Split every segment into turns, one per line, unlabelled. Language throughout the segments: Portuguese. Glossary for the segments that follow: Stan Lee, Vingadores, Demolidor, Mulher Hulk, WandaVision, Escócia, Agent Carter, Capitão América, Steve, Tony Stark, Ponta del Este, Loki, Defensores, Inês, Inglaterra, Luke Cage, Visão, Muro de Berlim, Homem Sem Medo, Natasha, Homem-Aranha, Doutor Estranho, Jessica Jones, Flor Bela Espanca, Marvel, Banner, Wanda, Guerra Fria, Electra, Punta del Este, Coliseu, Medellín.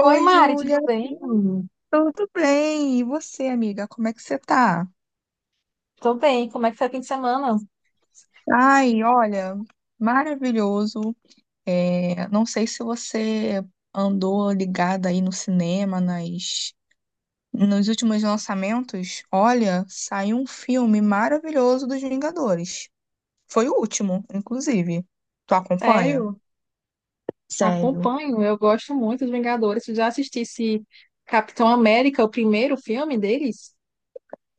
Oi, Mari, tudo
Júlia,
bem?
tudo bem? E você, amiga, como é que você tá?
Tô bem. Como é que foi o fim de semana?
Ai, olha, maravilhoso. Não sei se você andou ligada aí no cinema, nos últimos lançamentos. Olha, saiu um filme maravilhoso dos Vingadores. Foi o último, inclusive. Tu acompanha?
Sério,
Sério?
acompanho. Eu gosto muito dos Vingadores. Tu já assistisse Capitão América, o primeiro filme deles?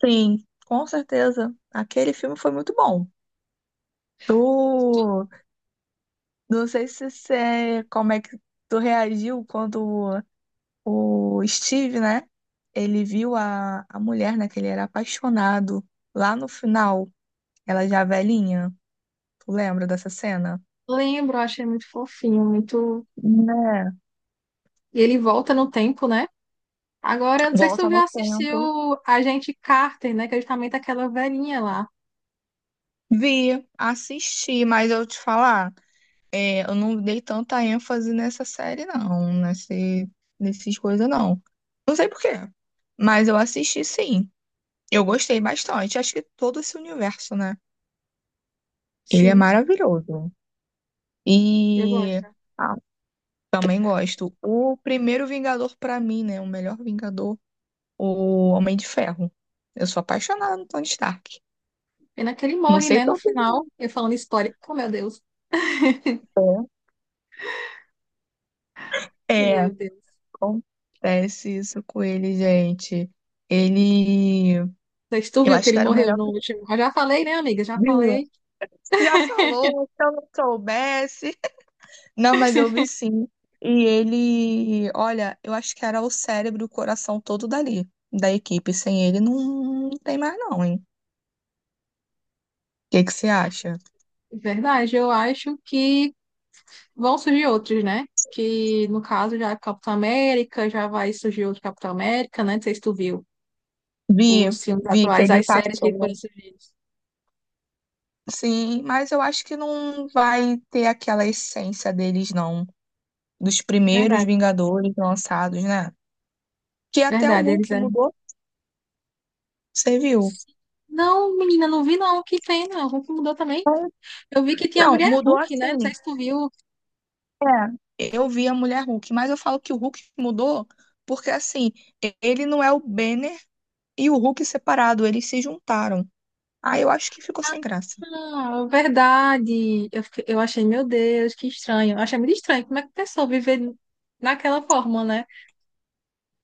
Sim, com certeza. Aquele filme foi muito bom. Tu Não sei se você, como é que tu reagiu quando o Steve, né? Ele viu a mulher, né? Que ele era apaixonado. Lá no final, ela já velhinha. Tu lembra dessa cena?
Lembro, achei muito fofinho, muito.
Né?
E ele volta no tempo, né? Agora, eu não sei se tu
Volta no
já assistiu
tempo.
a gente Carter, né? Que é justamente aquela velhinha lá.
Vi, assisti, mas eu te falar, eu não dei tanta ênfase nessa série, não. Nessas coisas, não. Não sei por quê, mas eu assisti sim. Eu gostei bastante. Acho que todo esse universo, né? Ele é
Sim,
maravilhoso.
eu
E
gosto.
ah, também gosto. O primeiro Vingador pra mim, né? O melhor Vingador, o Homem de Ferro. Eu sou apaixonada no Tony Stark.
Pena que ele
Não
morre,
sei
né? No
tua
final,
opinião.
eu falando spoiler. Oh, meu Deus.
É, É,
Meu Deus.
acontece isso com ele, gente. Ele,
Não sei se tu
eu
viu que
acho
ele
que era o
morreu
melhor.
no
Que
último. Eu já falei, né, amiga? Já falei.
Já falou, se eu não soubesse. Não, mas eu vi sim. E ele, olha, eu acho que era o cérebro e o coração todo dali, da equipe. Sem ele não tem mais não, hein? O que que você acha?
Verdade, eu acho que vão surgir outros, né? Que no caso já é Capitão América, já vai surgir outro Capitão América, né? Não sei se tu viu
Vi,
os filmes
vi que
atuais,
ele
as séries que foram
passou.
surgidas.
Sim, mas eu acho que não vai ter aquela essência deles, não. Dos primeiros
Verdade,
Vingadores lançados, né? Que até o
verdade, eles
Hulk
eram.
mudou, você viu?
Não, menina, não vi não que tem, não. Hulk mudou também. Eu vi que tinha a
Não,
mulher
mudou
Hulk, né? Não
assim.
sei se tu viu.
É, eu vi a Mulher Hulk, mas eu falo que o Hulk mudou porque, assim, ele não é o Banner e o Hulk separado, eles se juntaram. Aí eu acho que ficou sem graça.
Ah, verdade. Eu, eu achei, meu Deus, que estranho. Eu achei muito estranho. Como é que a pessoa viver naquela forma, né?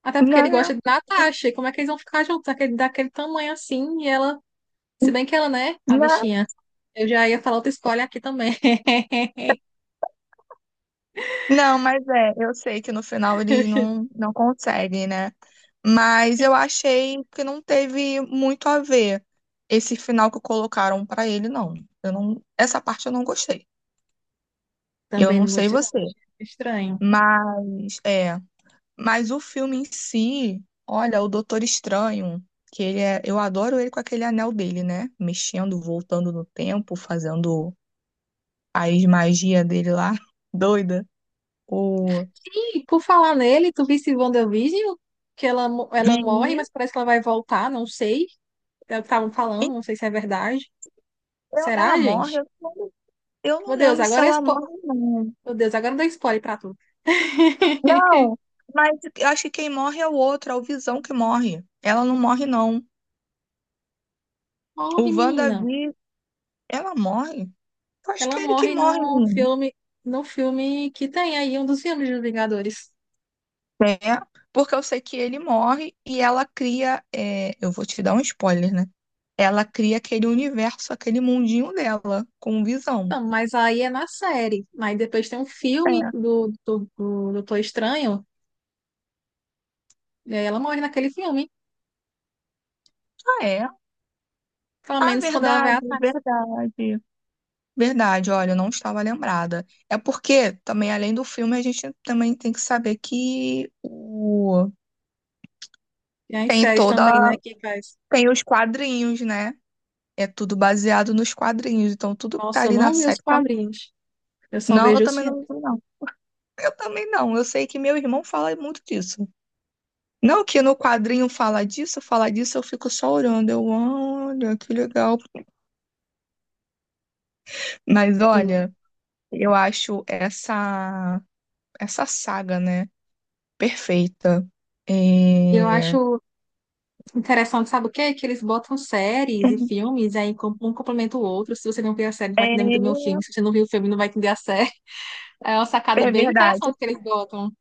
Até porque
Não,
ele gosta
não,
de Natasha. E como é que eles vão ficar juntos daquele tamanho assim? E ela, se bem que ela, né, a bichinha. Eu já ia falar outra escolha aqui também.
não, mas é, eu sei que no final eles não conseguem, né? Mas eu achei que não teve muito a ver esse final que colocaram pra ele, não. Eu não, essa parte eu não gostei. Eu
Também
não
não
sei
gostei, não.
você,
Estranho.
mas é, mas o filme em si, olha, o Doutor Estranho, que ele é, eu adoro ele com aquele anel dele, né? Mexendo, voltando no tempo, fazendo as magias dele lá, doida. O
E por falar nele, tu visse WandaVision? Que ela, ela morre,
Vini.
mas parece que ela vai voltar, não sei. É o que estavam
E
falando, não sei se é verdade.
Ela
Será,
morre,
gente?
eu não
Meu Deus,
lembro se
agora é
ela
spo...
morre, ou não.
Meu Deus, agora dá spoiler pra tu.
Não, mas eu acho que quem morre é o outro, é o Visão que morre. Ela não morre, não. O
Morre, menina.
WandaVision, ela morre? Eu acho que
Ela
é ele que
morre
morre,
no
menina.
filme, no filme que tem aí, um dos filmes dos Vingadores.
É, porque eu sei que ele morre e ela cria. É, eu vou te dar um spoiler, né? Ela cria aquele universo, aquele mundinho dela, com visão.
Então, mas aí é na série. Aí depois tem um filme
É.
do Doutor Estranho, e aí ela morre naquele filme.
Ah, é.
Pelo
Ah,
menos quando ela vai
verdade,
atrás.
verdade. Verdade, olha, eu não estava lembrada. É porque também, além do filme, a gente também tem que saber que o...
E as
tem
séries
toda.
também, né, que faz.
Tem os quadrinhos, né? É tudo baseado nos quadrinhos. Então, tudo que tá
Nossa, eu
ali na
não vi os
série tá-
quadrinhos. Eu só
Não, eu
vejo os
também não,
filmes.
não. Eu também não. Eu sei que meu irmão fala muito disso. Não que no quadrinho fala disso, eu fico só olhando. Eu, olha, que legal. Mas
Sim.
olha, eu acho essa saga, né? Perfeita.
E eu
É...
acho interessante, sabe o quê? Que eles botam séries e filmes, e aí um complementa o outro. Se você não viu a série, não vai
É,
entender muito bem o filme. Se você não viu o filme, não vai entender a série. É uma sacada
é
bem interessante
verdade.
que eles botam.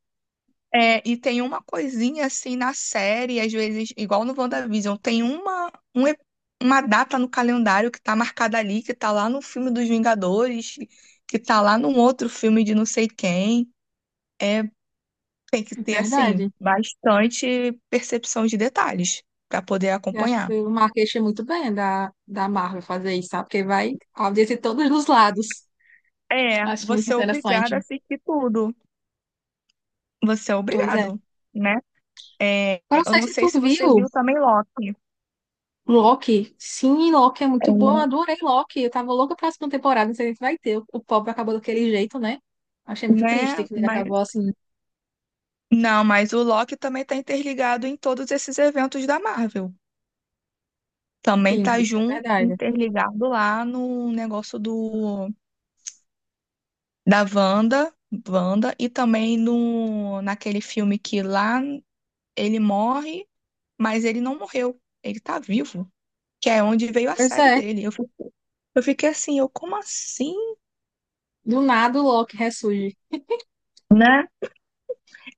É, e tem uma coisinha assim na série, às vezes, igual no WandaVision, tem uma data no calendário que tá marcada ali, que tá lá no filme dos Vingadores, que tá lá num outro filme de não sei quem. É, tem que
É
ter, assim,
verdade.
bastante percepção de detalhes para poder
Eu acho que
acompanhar.
foi uma queixa muito bem da Marvel fazer isso, sabe? Porque vai audiência de todos os lados.
É,
Acho muito
você é obrigado a
interessante.
assistir tudo. Você é
Pois é.
obrigado, né?
Eu não
Eu
sei
não
se
sei
tu
se você
viu
viu também Loki,
Loki. Sim, Loki é muito bom. Eu
é,
adorei Loki. Eu tava louca pra segunda temporada. Não sei se vai ter. O pobre acabou daquele jeito, né? Achei muito triste
né?
que ele acabou assim.
Não, mas o Loki também está interligado em todos esses eventos da Marvel. Também
Sim,
tá
isso é
junto,
verdade.
interligado lá no negócio do da Wanda, Wanda e também no naquele filme que lá ele morre, mas ele não morreu, ele tá vivo, que é onde veio a
Pois
série
é.
dele. Eu fiquei assim, eu como assim,
Do nada o Loki ressurge.
né?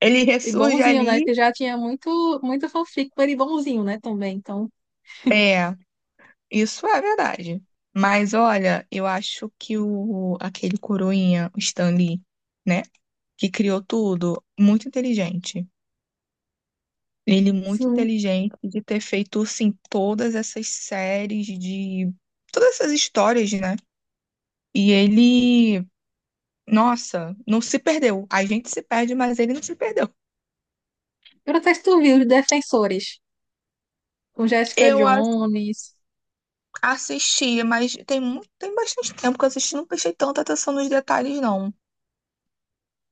Ele
E
ressurge
bonzinho, né?
ali,
Que já tinha muito, muito fanfic com ele bonzinho, né? Também. Então,
é. Isso é verdade. Mas olha, eu acho que o aquele coroinha, o Stan Lee, né, que criou tudo, muito inteligente. Ele muito
sim.
inteligente de ter feito assim todas essas séries de todas essas histórias, né? E ele, nossa, não se perdeu. A gente se perde, mas ele não se perdeu.
Eu não sei se tu viu os Defensores com Jessica
Eu a-
Jones,
assisti, mas tem muito, tem bastante tempo que eu assisti, não prestei tanta atenção nos detalhes, não.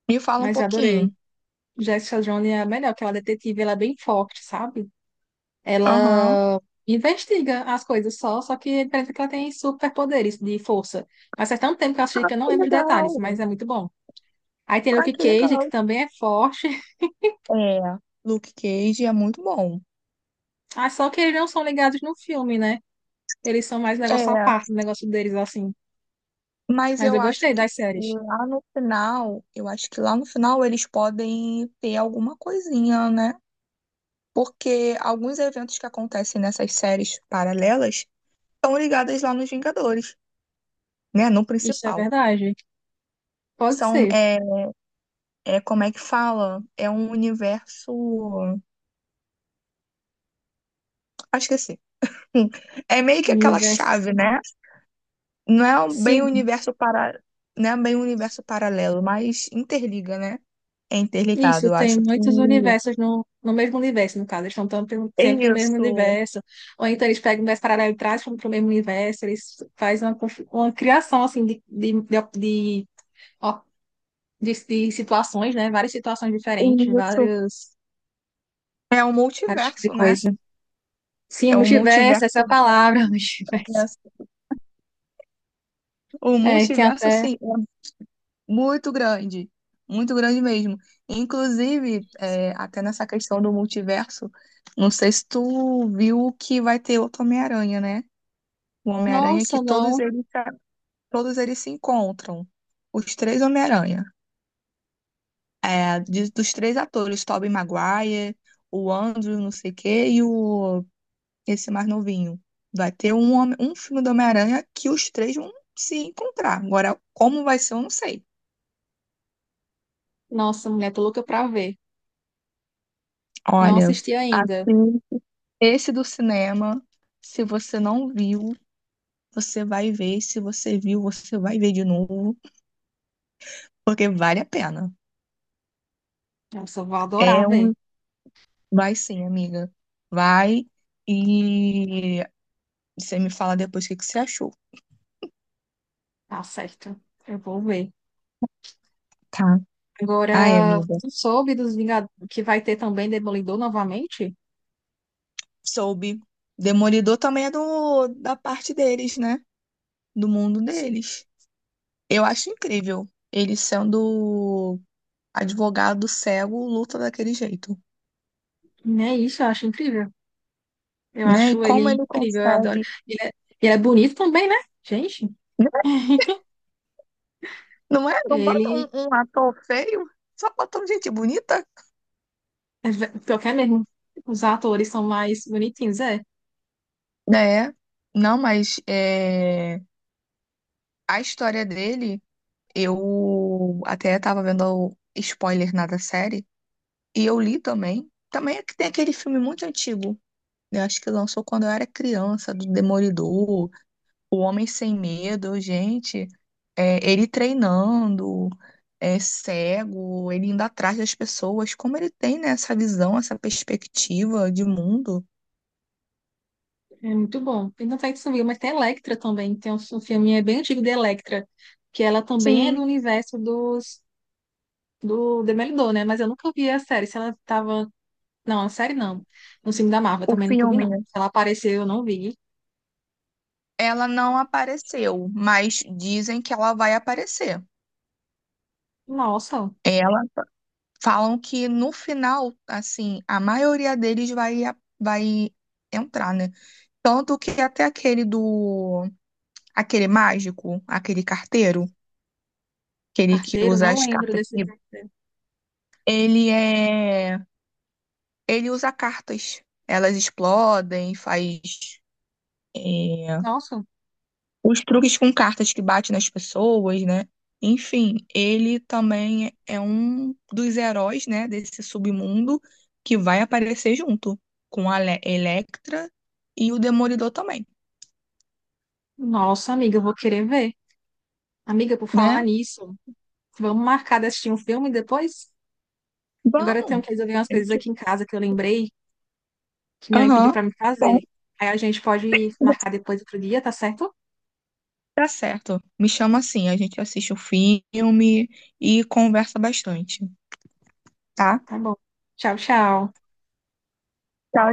Me fala um
mas adorei.
pouquinho.
Jessica Jones é a melhor, que ela é detetive, ela é bem forte, sabe?
Aham.
Ela investiga as coisas só que é diferente que ela tem superpoderes de força. Mas faz tanto tempo que eu assisti que eu não
Que
lembro de detalhes,
legal.
mas é muito bom. Aí tem
Ai,
Luke
que
Cage,
legal.
que também é forte.
É, Luke Cage é muito bom.
Ah, só que eles não são ligados no filme, né? Eles são mais
É,
negócio à parte, negócio deles assim.
mas
Mas
eu
eu
acho
gostei
que
das séries.
lá no final, eu acho que lá no final eles podem ter alguma coisinha, né? Porque alguns eventos que acontecem nessas séries paralelas estão ligadas lá nos Vingadores, né? No
Isso é
principal.
verdade. Pode
São,
ser.
é, como é que fala? É um universo. Ah, esqueci. Enfim, é meio que aquela
Universo.
chave, né? Não é um- bem um
Sim,
universo para, não é bem um universo paralelo, mas interliga, né? É interligado.
Isso,
Eu
tem
acho que é
muitos
isso.
universos no mesmo universo, no caso. Eles estão tão pelo-
É
sempre no mesmo universo. Ou então eles pegam um universo paralelo e trazem para o mesmo universo. Eles fazem uma, uma criação, assim, de, op- de, ó, de situações, né? Várias situações diferentes,
isso.
vários,
É um
vários tipos de
multiverso, né?
coisa. Sim,
É um
multiverso, essa é a
multiverso.
palavra, multiverso.
O
É, tem
multiverso,
até...
assim, é muito grande. Muito grande mesmo. Inclusive, é, até nessa questão do multiverso, não sei se tu viu que vai ter outro Homem-Aranha, né? O Homem-Aranha que
Nossa, não.
todos eles se encontram. Os três Homem-Aranha. Dos três atores, Tobey Maguire, o Andrew, não sei o quê, esse mais novinho. Vai ter um filme do Homem-Aranha que os três vão se encontrar. Agora, como vai ser, eu não sei.
Nossa, mulher, tô louca pra ver. Não
Olha,
assisti ainda.
assim, esse do cinema, se você não viu, você vai ver. Se você viu, você vai ver de novo, porque vale a pena.
Nossa, eu vou adorar
É
ver.
um. Vai sim, amiga. Vai e você me fala depois o que que você achou,
Tá certo. Eu vou ver.
tá? Ai,
Agora,
amiga.
tu soube dos Vingadores que vai ter também Demolidor novamente?
Soube. Demolidor também é da parte deles, né? Do mundo
Sim.
deles. Eu acho incrível ele sendo advogado cego, luta daquele jeito,
É isso, eu acho incrível. Eu
né? E
acho
como
ele
ele
incrível, eu adoro.
consegue,
Ele é, ele é bonito também, né? Gente,
né? Não é? Não bota
ele
um ator feio, só botam gente bonita,
é ve- pior que é mesmo. Os atores são mais bonitinhos, é.
né? Não, mas é, a história dele, eu até tava vendo o spoiler na da série, e eu li também. Também é que tem aquele filme muito antigo. Eu acho que lançou quando eu era criança, do Demolidor, O Homem Sem Medo, gente, é, ele treinando, é cego, ele indo atrás das pessoas, como ele tem, né, essa visão, essa perspectiva de mundo.
É muito bom. E não sei se tu viu, mas tem Electra também. Tem um, um filme é bem antigo de Electra, que ela também é do
Sim,
universo dos, do Demolidor, né? Mas eu nunca vi a série. Se ela tava Não, a série não. No filme da Marvel
o
também nunca vi,
filme,
não.
né?
Se ela apareceu, eu não vi.
Ela não apareceu, mas dizem que ela vai aparecer.
Nossa,
Ela falam que no final, assim, a maioria deles vai entrar, né? Tanto que até aquele do aquele mágico, aquele carteiro, aquele que
carteiro,
usa
não
as
lembro
cartas.
desse filme.
Ele é. Ele usa cartas. Elas explodem, é,
Nossa,
os truques com cartas que bate nas pessoas, né? Enfim, ele também é um dos heróis, né, desse submundo que vai aparecer junto com a Electra e o Demolidor também,
nossa, amiga, eu vou querer ver. Amiga, por falar
né?
nisso, vamos marcar de assistir um filme depois? Agora eu tenho
Vamos.
que resolver umas coisas
Gente,
aqui em casa que eu lembrei que minha mãe pediu
aham.
pra me
Bom.
fazer. Aí a gente pode marcar depois outro dia, tá certo?
Tá certo. Me chama assim, a gente assiste o filme e conversa bastante, tá?
Tá bom. Tchau, tchau.
Tchau,